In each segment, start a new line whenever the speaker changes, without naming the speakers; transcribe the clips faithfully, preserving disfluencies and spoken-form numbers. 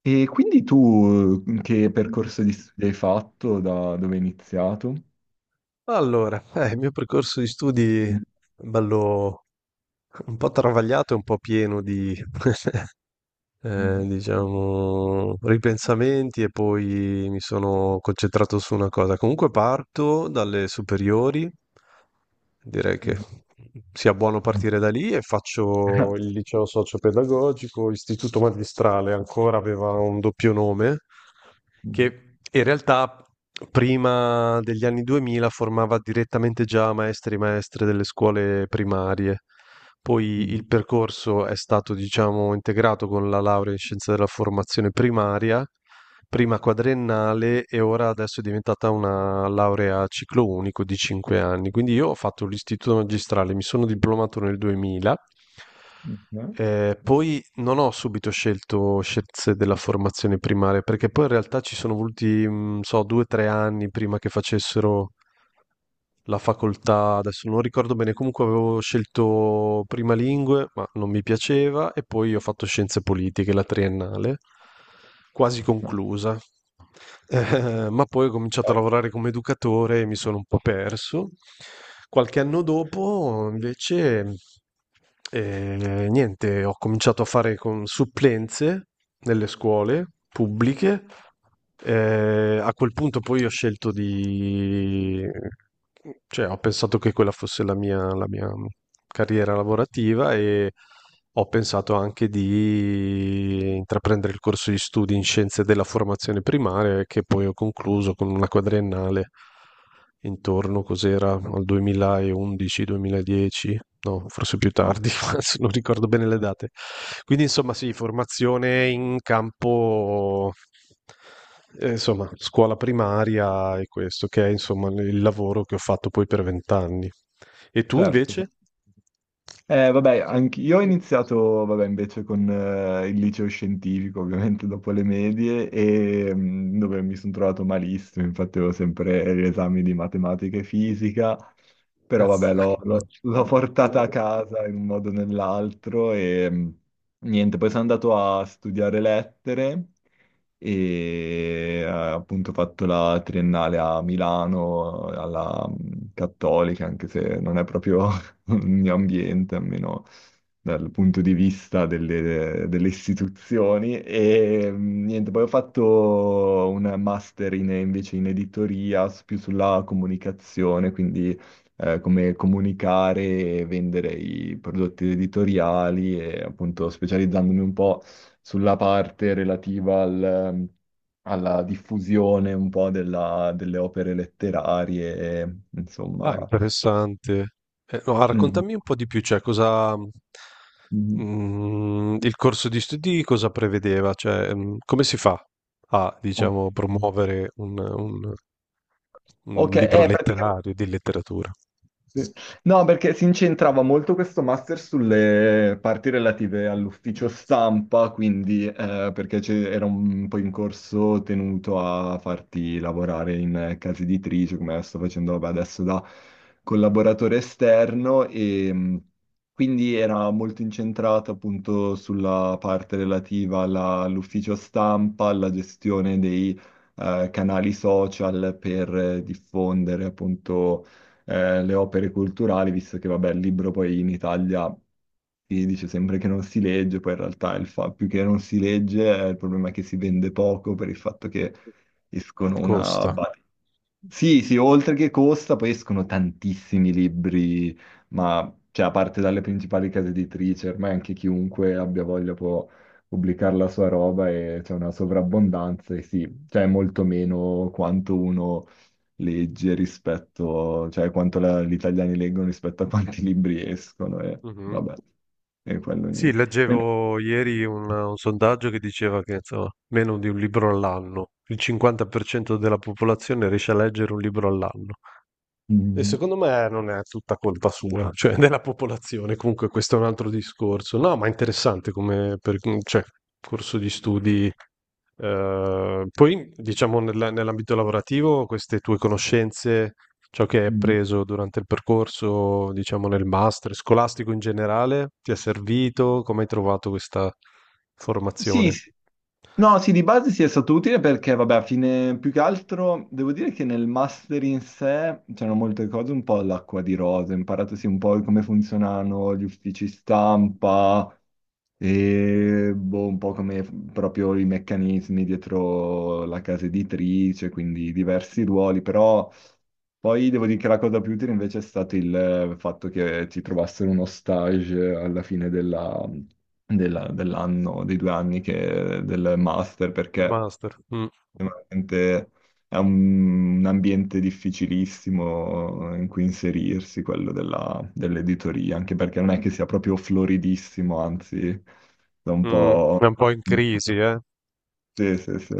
E quindi tu eh, che percorso di studi hai fatto, da dove hai iniziato?
Allora, eh, il mio percorso di studi è bello un po' travagliato e un po' pieno di, eh,
Mhm,
diciamo, ripensamenti e poi mi sono concentrato su una cosa. Comunque parto dalle superiori, direi che
mhm,
sia buono
mhm,
partire da lì e faccio il liceo socio-pedagogico, istituto magistrale, ancora aveva un doppio nome,
mhm,
che in realtà prima degli anni duemila formava direttamente già maestri e maestre delle scuole primarie. Poi
mhm.
il percorso è stato, diciamo, integrato con la laurea in scienze della formazione primaria prima quadriennale e ora adesso è diventata una laurea a ciclo unico di cinque anni. Quindi io ho fatto l'istituto magistrale, mi sono diplomato nel duemila,
mhm. No,
eh, poi non ho subito scelto scienze della formazione primaria, perché poi in realtà ci sono voluti, mh, so, due o tre anni prima che facessero la facoltà, adesso non ricordo bene, comunque avevo scelto prima lingue, ma non mi piaceva, e poi ho fatto scienze politiche, la triennale, quasi
no,
conclusa. Eh, ma poi ho cominciato a
Poi,
lavorare come educatore e mi sono un po' perso. Qualche anno dopo, invece, e niente, ho cominciato a fare con supplenze nelle scuole pubbliche. Eh, a quel punto poi ho scelto di... cioè ho pensato che quella fosse la mia, la mia carriera lavorativa e ho pensato anche di intraprendere il corso di studi in scienze della formazione primaria che poi ho concluso con una quadriennale. Intorno cos'era, al duemilaundici-duemiladieci, no, forse più
no.
tardi, adesso non ricordo bene le date. Quindi insomma sì, formazione in campo, eh, insomma, scuola primaria e questo, che è insomma il lavoro che ho fatto poi per vent'anni. E tu
Certo, certo.
invece?
Eh, vabbè, anche io ho iniziato, vabbè, invece con eh, il liceo scientifico, ovviamente dopo le medie, e, mm, dove mi sono trovato malissimo, infatti avevo sempre gli esami di matematica e fisica, però vabbè, l'ho l'ho- l'ho portata a casa in un modo o nell'altro e mm, niente, poi sono andato a studiare lettere e eh, appunto ho fatto la triennale a Milano, alla mm, Cattolica, anche se non è proprio ogni ambiente, almeno dal punto di vista delle, delle istituzioni. E mh, niente, poi ho fatto un master in- invece in editoria, s- più sulla comunicazione, quindi eh, come comunicare e vendere i prodotti editoriali e appunto specializzandomi un po' sulla parte relativa al- alla diffusione un po' della- delle opere letterarie,
Ah,
insomma.
interessante. Eh, no, ah,
Mm.
raccontami un po' di più, cioè cosa,
mm-hmm.
mm, il corso di studi cosa prevedeva, cioè, mm, come si fa a,
Ok,
diciamo, promuovere un, un- un
ok,
libro
eh, praticamente.
letterario di letteratura?
Sì. No, perché si incentrava molto questo master sulle parti relative all'ufficio stampa, quindi eh, perché c'è- era un po' in corso tenuto a farti lavorare in eh, case editrici, come sto facendo vabbè, adesso da collaboratore esterno, e mh, quindi era molto incentrata appunto sulla parte relativa alla- all'ufficio stampa, alla gestione dei eh, canali social per eh, diffondere appunto eh, le opere culturali, visto che, vabbè, il libro poi in Italia si dice sempre che non si legge, poi in realtà il fa- più che non si legge, eh, il problema è che si vende poco per il fatto che escono una...
Costa.
bat- Sì, sì, oltre che costa, poi escono tantissimi libri, ma cioè, a parte dalle principali case editrici, ormai anche chiunque abbia voglia può pubblicare la sua roba e c'è una sovrabbondanza e sì, cioè è molto meno quanto uno legge rispetto, cioè quanto la- gli italiani leggono rispetto a quanti libri escono e
Mhm.
vabbè, e quello
Sì,
niente. Mentre-
leggevo ieri un, un sondaggio che diceva che insomma, meno di un libro all'anno, il cinquanta per cento della popolazione riesce a leggere un libro all'anno. E
Mm,
secondo me non è tutta colpa sua, cioè della popolazione, comunque questo è un altro discorso. No, ma è interessante come per- cioè, corso di studi, eh, poi, diciamo, nella- nell'ambito lavorativo, queste tue conoscenze, ciò che hai
mm.
appreso durante il percorso, diciamo, nel master scolastico in generale, ti è servito? Come hai trovato questa
Sì,
formazione?
sì. No, sì, di base sì è stato utile perché, vabbè, a fine, più che altro, devo dire che nel master in sé c'erano molte cose, un po' all'acqua di rose, ho imparato sì un po' come funzionano gli uffici stampa e boh, un po' come proprio i meccanismi dietro la casa editrice, quindi diversi ruoli, però... Poi devo dire che la cosa più utile invece è stato il eh, fatto che ti trovassero uno stage alla fine della- della- dell'anno, dei due anni che- del master,
Il
perché
master. Mm,
veramente è un, un ambiente difficilissimo in cui inserirsi, quello della- dell'editoria, anche perché non è che sia proprio floridissimo, anzi, da un
mm, è
po'...
un po' in crisi, eh?
Sì, sì, sì.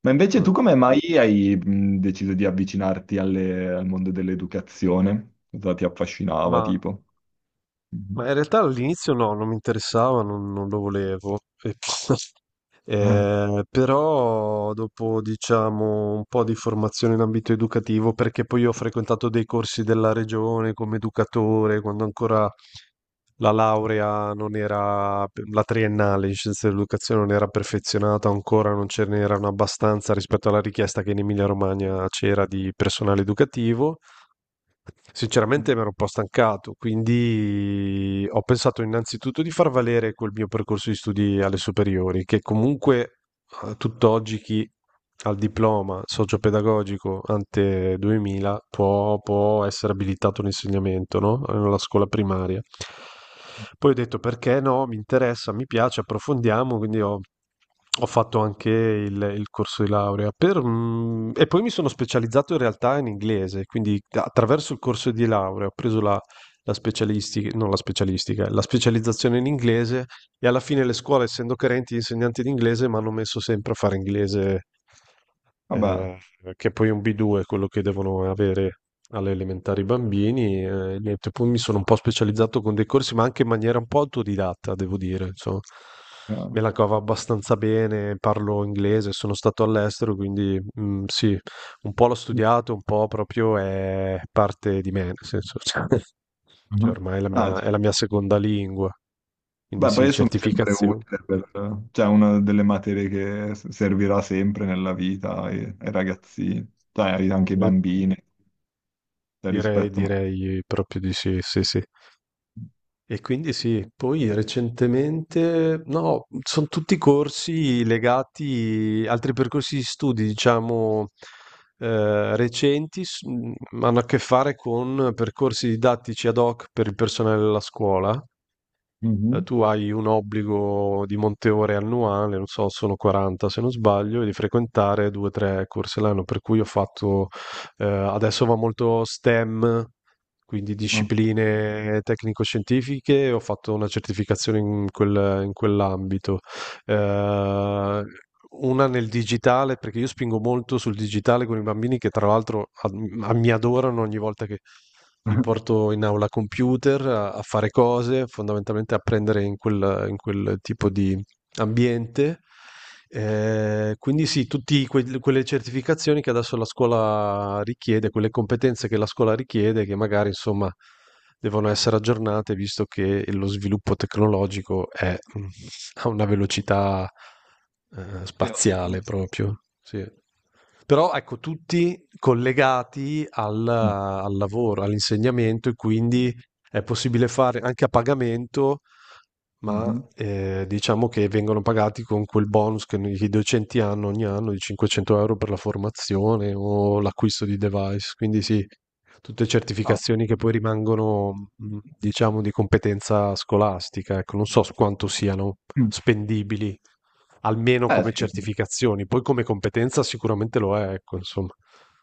Ma invece
Mm.
tu come mai hai mh, deciso di avvicinarti alle- al mondo dell'educazione? Cosa ti affascinava,
Ma,
tipo? Mhm.
ma in realtà all'inizio no, non mi interessava, non, non lo volevo. E,
Eh,
Eh, però dopo diciamo un po' di formazione in ambito educativo, perché poi ho frequentato dei corsi della regione come educatore, quando ancora la laurea non era, la triennale in scienze dell'educazione non era perfezionata ancora, non ce n'erano abbastanza rispetto alla richiesta che in Emilia-Romagna c'era di personale educativo. Sinceramente mi ero un po' stancato, quindi ho pensato innanzitutto di far valere quel mio percorso di studi alle superiori, che comunque a tutt'oggi chi ha il diploma socio-pedagogico ante duemila può, può essere abilitato all'insegnamento, no? Alla scuola primaria. Poi ho detto perché no, mi interessa, mi piace, approfondiamo, quindi ho, ho fatto anche il, il corso di laurea. Per, mm, e poi mi sono specializzato in realtà in inglese, quindi attraverso il corso di laurea ho preso la, la specialistica, non la specialistica, la specializzazione in inglese e alla fine le scuole, essendo carenti di insegnanti di inglese, mi hanno messo sempre a fare inglese,
vabbè.
eh, che è poi un B due quello che devono avere alle elementari i bambini. eh, niente, poi mi sono un po' specializzato con dei corsi, ma anche in maniera un po' autodidatta, devo dire. Insomma,
Chiaro.
me la cavo abbastanza bene, parlo inglese, sono stato all'estero, quindi mm, sì, un po' l'ho studiato, un po' proprio è parte di me, nel senso, cioè, cioè,
Mhm.
ormai è la
Ah,
mia,
cioè,
è la mia seconda lingua. Quindi
beh,
sì,
poi sono sempre
certificazioni.
utile per... Cioè, una delle materie che s- servirà sempre nella vita ai, ai ragazzini, cioè ai- anche ai
Eh,
bambini, cioè,
Direi,
rispetto...
direi proprio di sì, sì, sì. E quindi sì, poi recentemente, no, sono tutti corsi legati, altri percorsi di studi, diciamo, eh, recenti, s- mh, hanno a che fare con percorsi didattici ad hoc per il personale della scuola, eh,
Mhm.
tu hai un obbligo di monte ore annuale, non so, sono quaranta se non sbaglio, e di frequentare due o tre corsi all'anno, per cui ho fatto. Eh, adesso va molto STEM, quindi
No.
discipline tecnico-scientifiche, ho fatto una certificazione in quel- in quell'ambito. Ehm, una nel digitale, perché io spingo molto sul digitale con i bambini che tra l'altro ad a mi adorano ogni volta che li porto in aula computer a a fare cose, fondamentalmente a prendere in quel in quel tipo di ambiente. Ehm, quindi sì, tutti quel quelle certificazioni che adesso la scuola richiede, quelle competenze che la scuola richiede, che magari insomma devono essere aggiornate visto che lo sviluppo tecnologico è, mhmm, a una velocità, ehm,
Sì,
spaziale
assolutamente.
proprio. Sì. Però ecco, tutti collegati al, al lavoro, all'insegnamento e quindi è possibile fare anche a pagamento, ma
Mhm.
eh, diciamo che vengono pagati con quel bonus che i docenti hanno ogni anno di cinquecento euro per la formazione o l'acquisto di device. Quindi sì, tutte
No.
certificazioni che poi rimangono, mh, diciamo, di competenza scolastica, ecco, non so s- quanto siano spendibili, almeno
Eh
come
sì,
certificazioni, poi come competenza sicuramente lo è, ecco, insomma,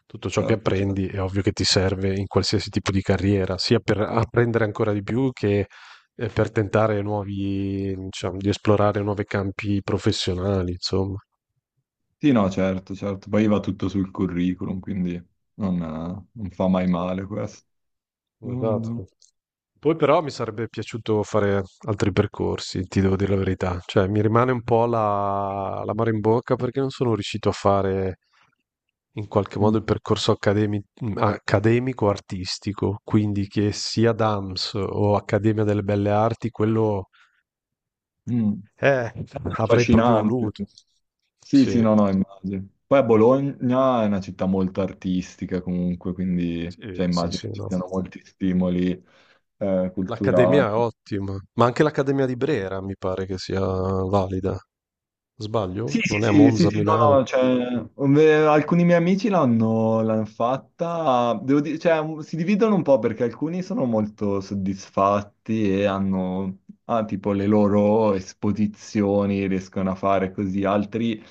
tutto ciò che
certo,
apprendi
certo.
è ovvio che ti serve in qualsiasi tipo di carriera, sia per apprendere ancora di più che eh, per tentare nuovi, diciamo, di esplorare nuovi campi professionali, insomma.
Sì, no, certo, certo. Poi va tutto sul curriculum, quindi non, eh, non fa mai
Sì.
male questo. Mondo.
Esatto. Poi però mi sarebbe piaciuto fare altri percorsi, ti devo dire la verità. Cioè, mi rimane un po' la, l'amaro in bocca perché non sono riuscito a fare in qualche
Mm,
modo il percorso accademi- accademico-artistico, quindi che sia DAMS o Accademia delle Belle Arti, quello,
mm.
eh,
È
avrei proprio
affascinante.
voluto.
Sì, sì,
Sì,
no, no, immagino. Poi Bologna è una città molto artistica comunque, quindi
sì,
cioè,
sì,
immagino
sì,
ci
no.
siano molti stimoli eh, culturali.
L'Accademia è ottima, ma anche l'Accademia di Brera mi pare che sia valida.
Sì,
Sbaglio? Non
sì,
è a
sì,
Monza,
sì,
a
sì, no,
Milano.
no, cioè, ve- alcuni miei amici l'hanno l'hanno fatta, devo dire, cioè, un- si dividono un po' perché alcuni sono molto soddisfatti e hanno, ah, tipo, le loro esposizioni, riescono a fare così, altri,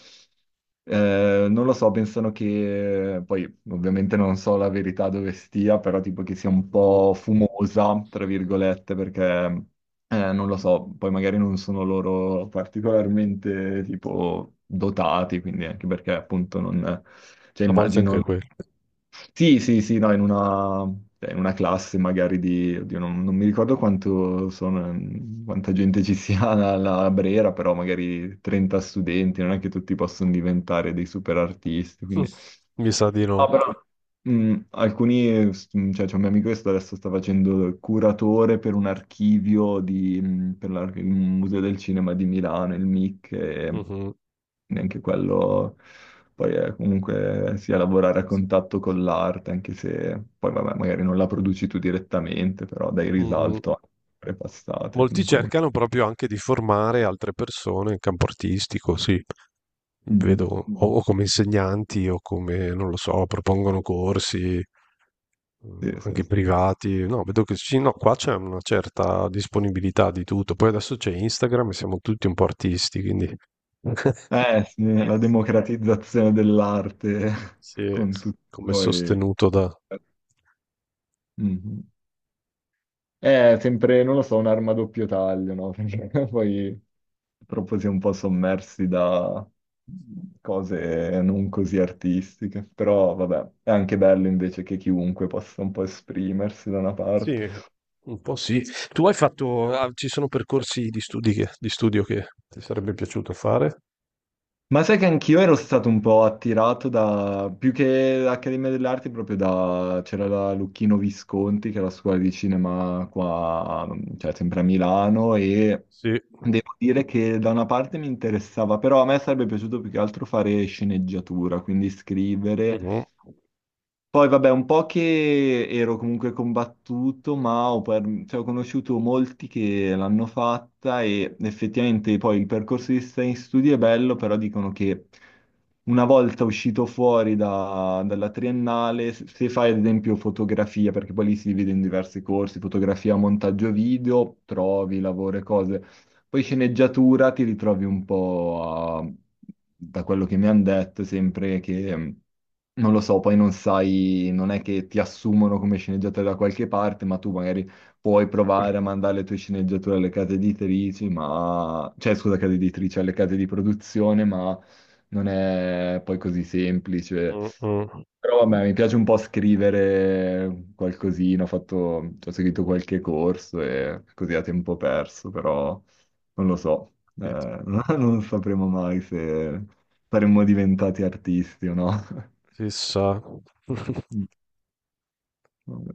eh, non lo so, pensano che, poi ovviamente non so la verità dove stia, però tipo che sia un
Mh-mh.
po' fumosa, tra virgolette, perché... Eh, non lo so, poi magari non sono loro particolarmente tipo dotati, quindi anche perché appunto non... cioè
A volte anche
immagino...
quello.
Sì, sì, sì, no, in una, cioè, in una classe magari di... oddio, non, non mi ricordo quanto sono, quanta gente ci sia alla Brera, però magari trenta studenti, non è che tutti possono diventare dei super artisti,
Mm.
quindi
Mi sa di no.
no, però Mm, alcuni, s- mm, cioè c'è un mio amico che sta- adesso sta facendo il curatore per un archivio di, mm, per l'ar- il Museo del Cinema di Milano, il M I C, e
Mh-mh.
neanche quello, poi è comunque sia lavorare a contatto con l'arte, anche se poi vabbè, magari non la produci tu direttamente, però dai
Mh-mh.
risalto a opere passate,
Molti
comunque.
cercano proprio anche di formare altre persone in campo artistico, sì. Vedo
Mhm.
o o come insegnanti o come, non lo so, propongono corsi,
Sì,
mm,
sì,
anche
sì.
privati. No, vedo che sì, no, qua c'è una certa disponibilità di tutto. Poi adesso c'è Instagram e siamo tutti un po' artisti, quindi
Eh sì, la democratizzazione dell'arte
sì,
con tutti i
come
suoi...
sostenuto da...
Mhm. È sempre, non lo so, un'arma a doppio taglio, no? Perché poi purtroppo si è un po' sommersi da mhmm, cose non così artistiche, però vabbè, è anche bello invece che chiunque possa un po' esprimersi da una
Sì,
parte.
un po' sì. Tu hai fatto... ah, ci sono percorsi di studi che- di studio che ti sarebbe piaciuto fare?
Ma sai che anch'io ero stato un po' attirato da, più che l'Accademia delle Arti, proprio da, c'era la Lucchino Visconti, che è la scuola di cinema qua, cioè sempre a Milano, e
Sì.
devo dire che da una parte mi interessava, però a me sarebbe piaciuto più che altro fare sceneggiatura, quindi scrivere,
Mhm.
poi vabbè, un po' che ero comunque combattuto, ma ho, per- cioè, ho conosciuto molti che l'hanno fatta e effettivamente poi il percorso di stare in studio è bello, però dicono che una volta uscito fuori da- dalla triennale, se se fai ad esempio fotografia, perché poi lì si divide in diversi corsi, fotografia, montaggio video, trovi lavoro e cose. Poi sceneggiatura ti ritrovi un po' a- da quello che mi hanno detto, sempre che... Non lo so, poi non sai, non è che ti assumono come sceneggiatore da qualche parte, ma tu magari puoi provare a mandare le tue sceneggiature alle case editrici, ma... cioè scusa, case editrici, alle case di produzione, ma non è poi così semplice.
Mm, mm.
Però vabbè, mi piace un po' scrivere qualcosina, ho fatto... ho seguito qualche corso e così a tempo perso, però non lo so, eh, non sapremo mai se saremmo diventati artisti o no.
Chissà.
Mm, vabbè.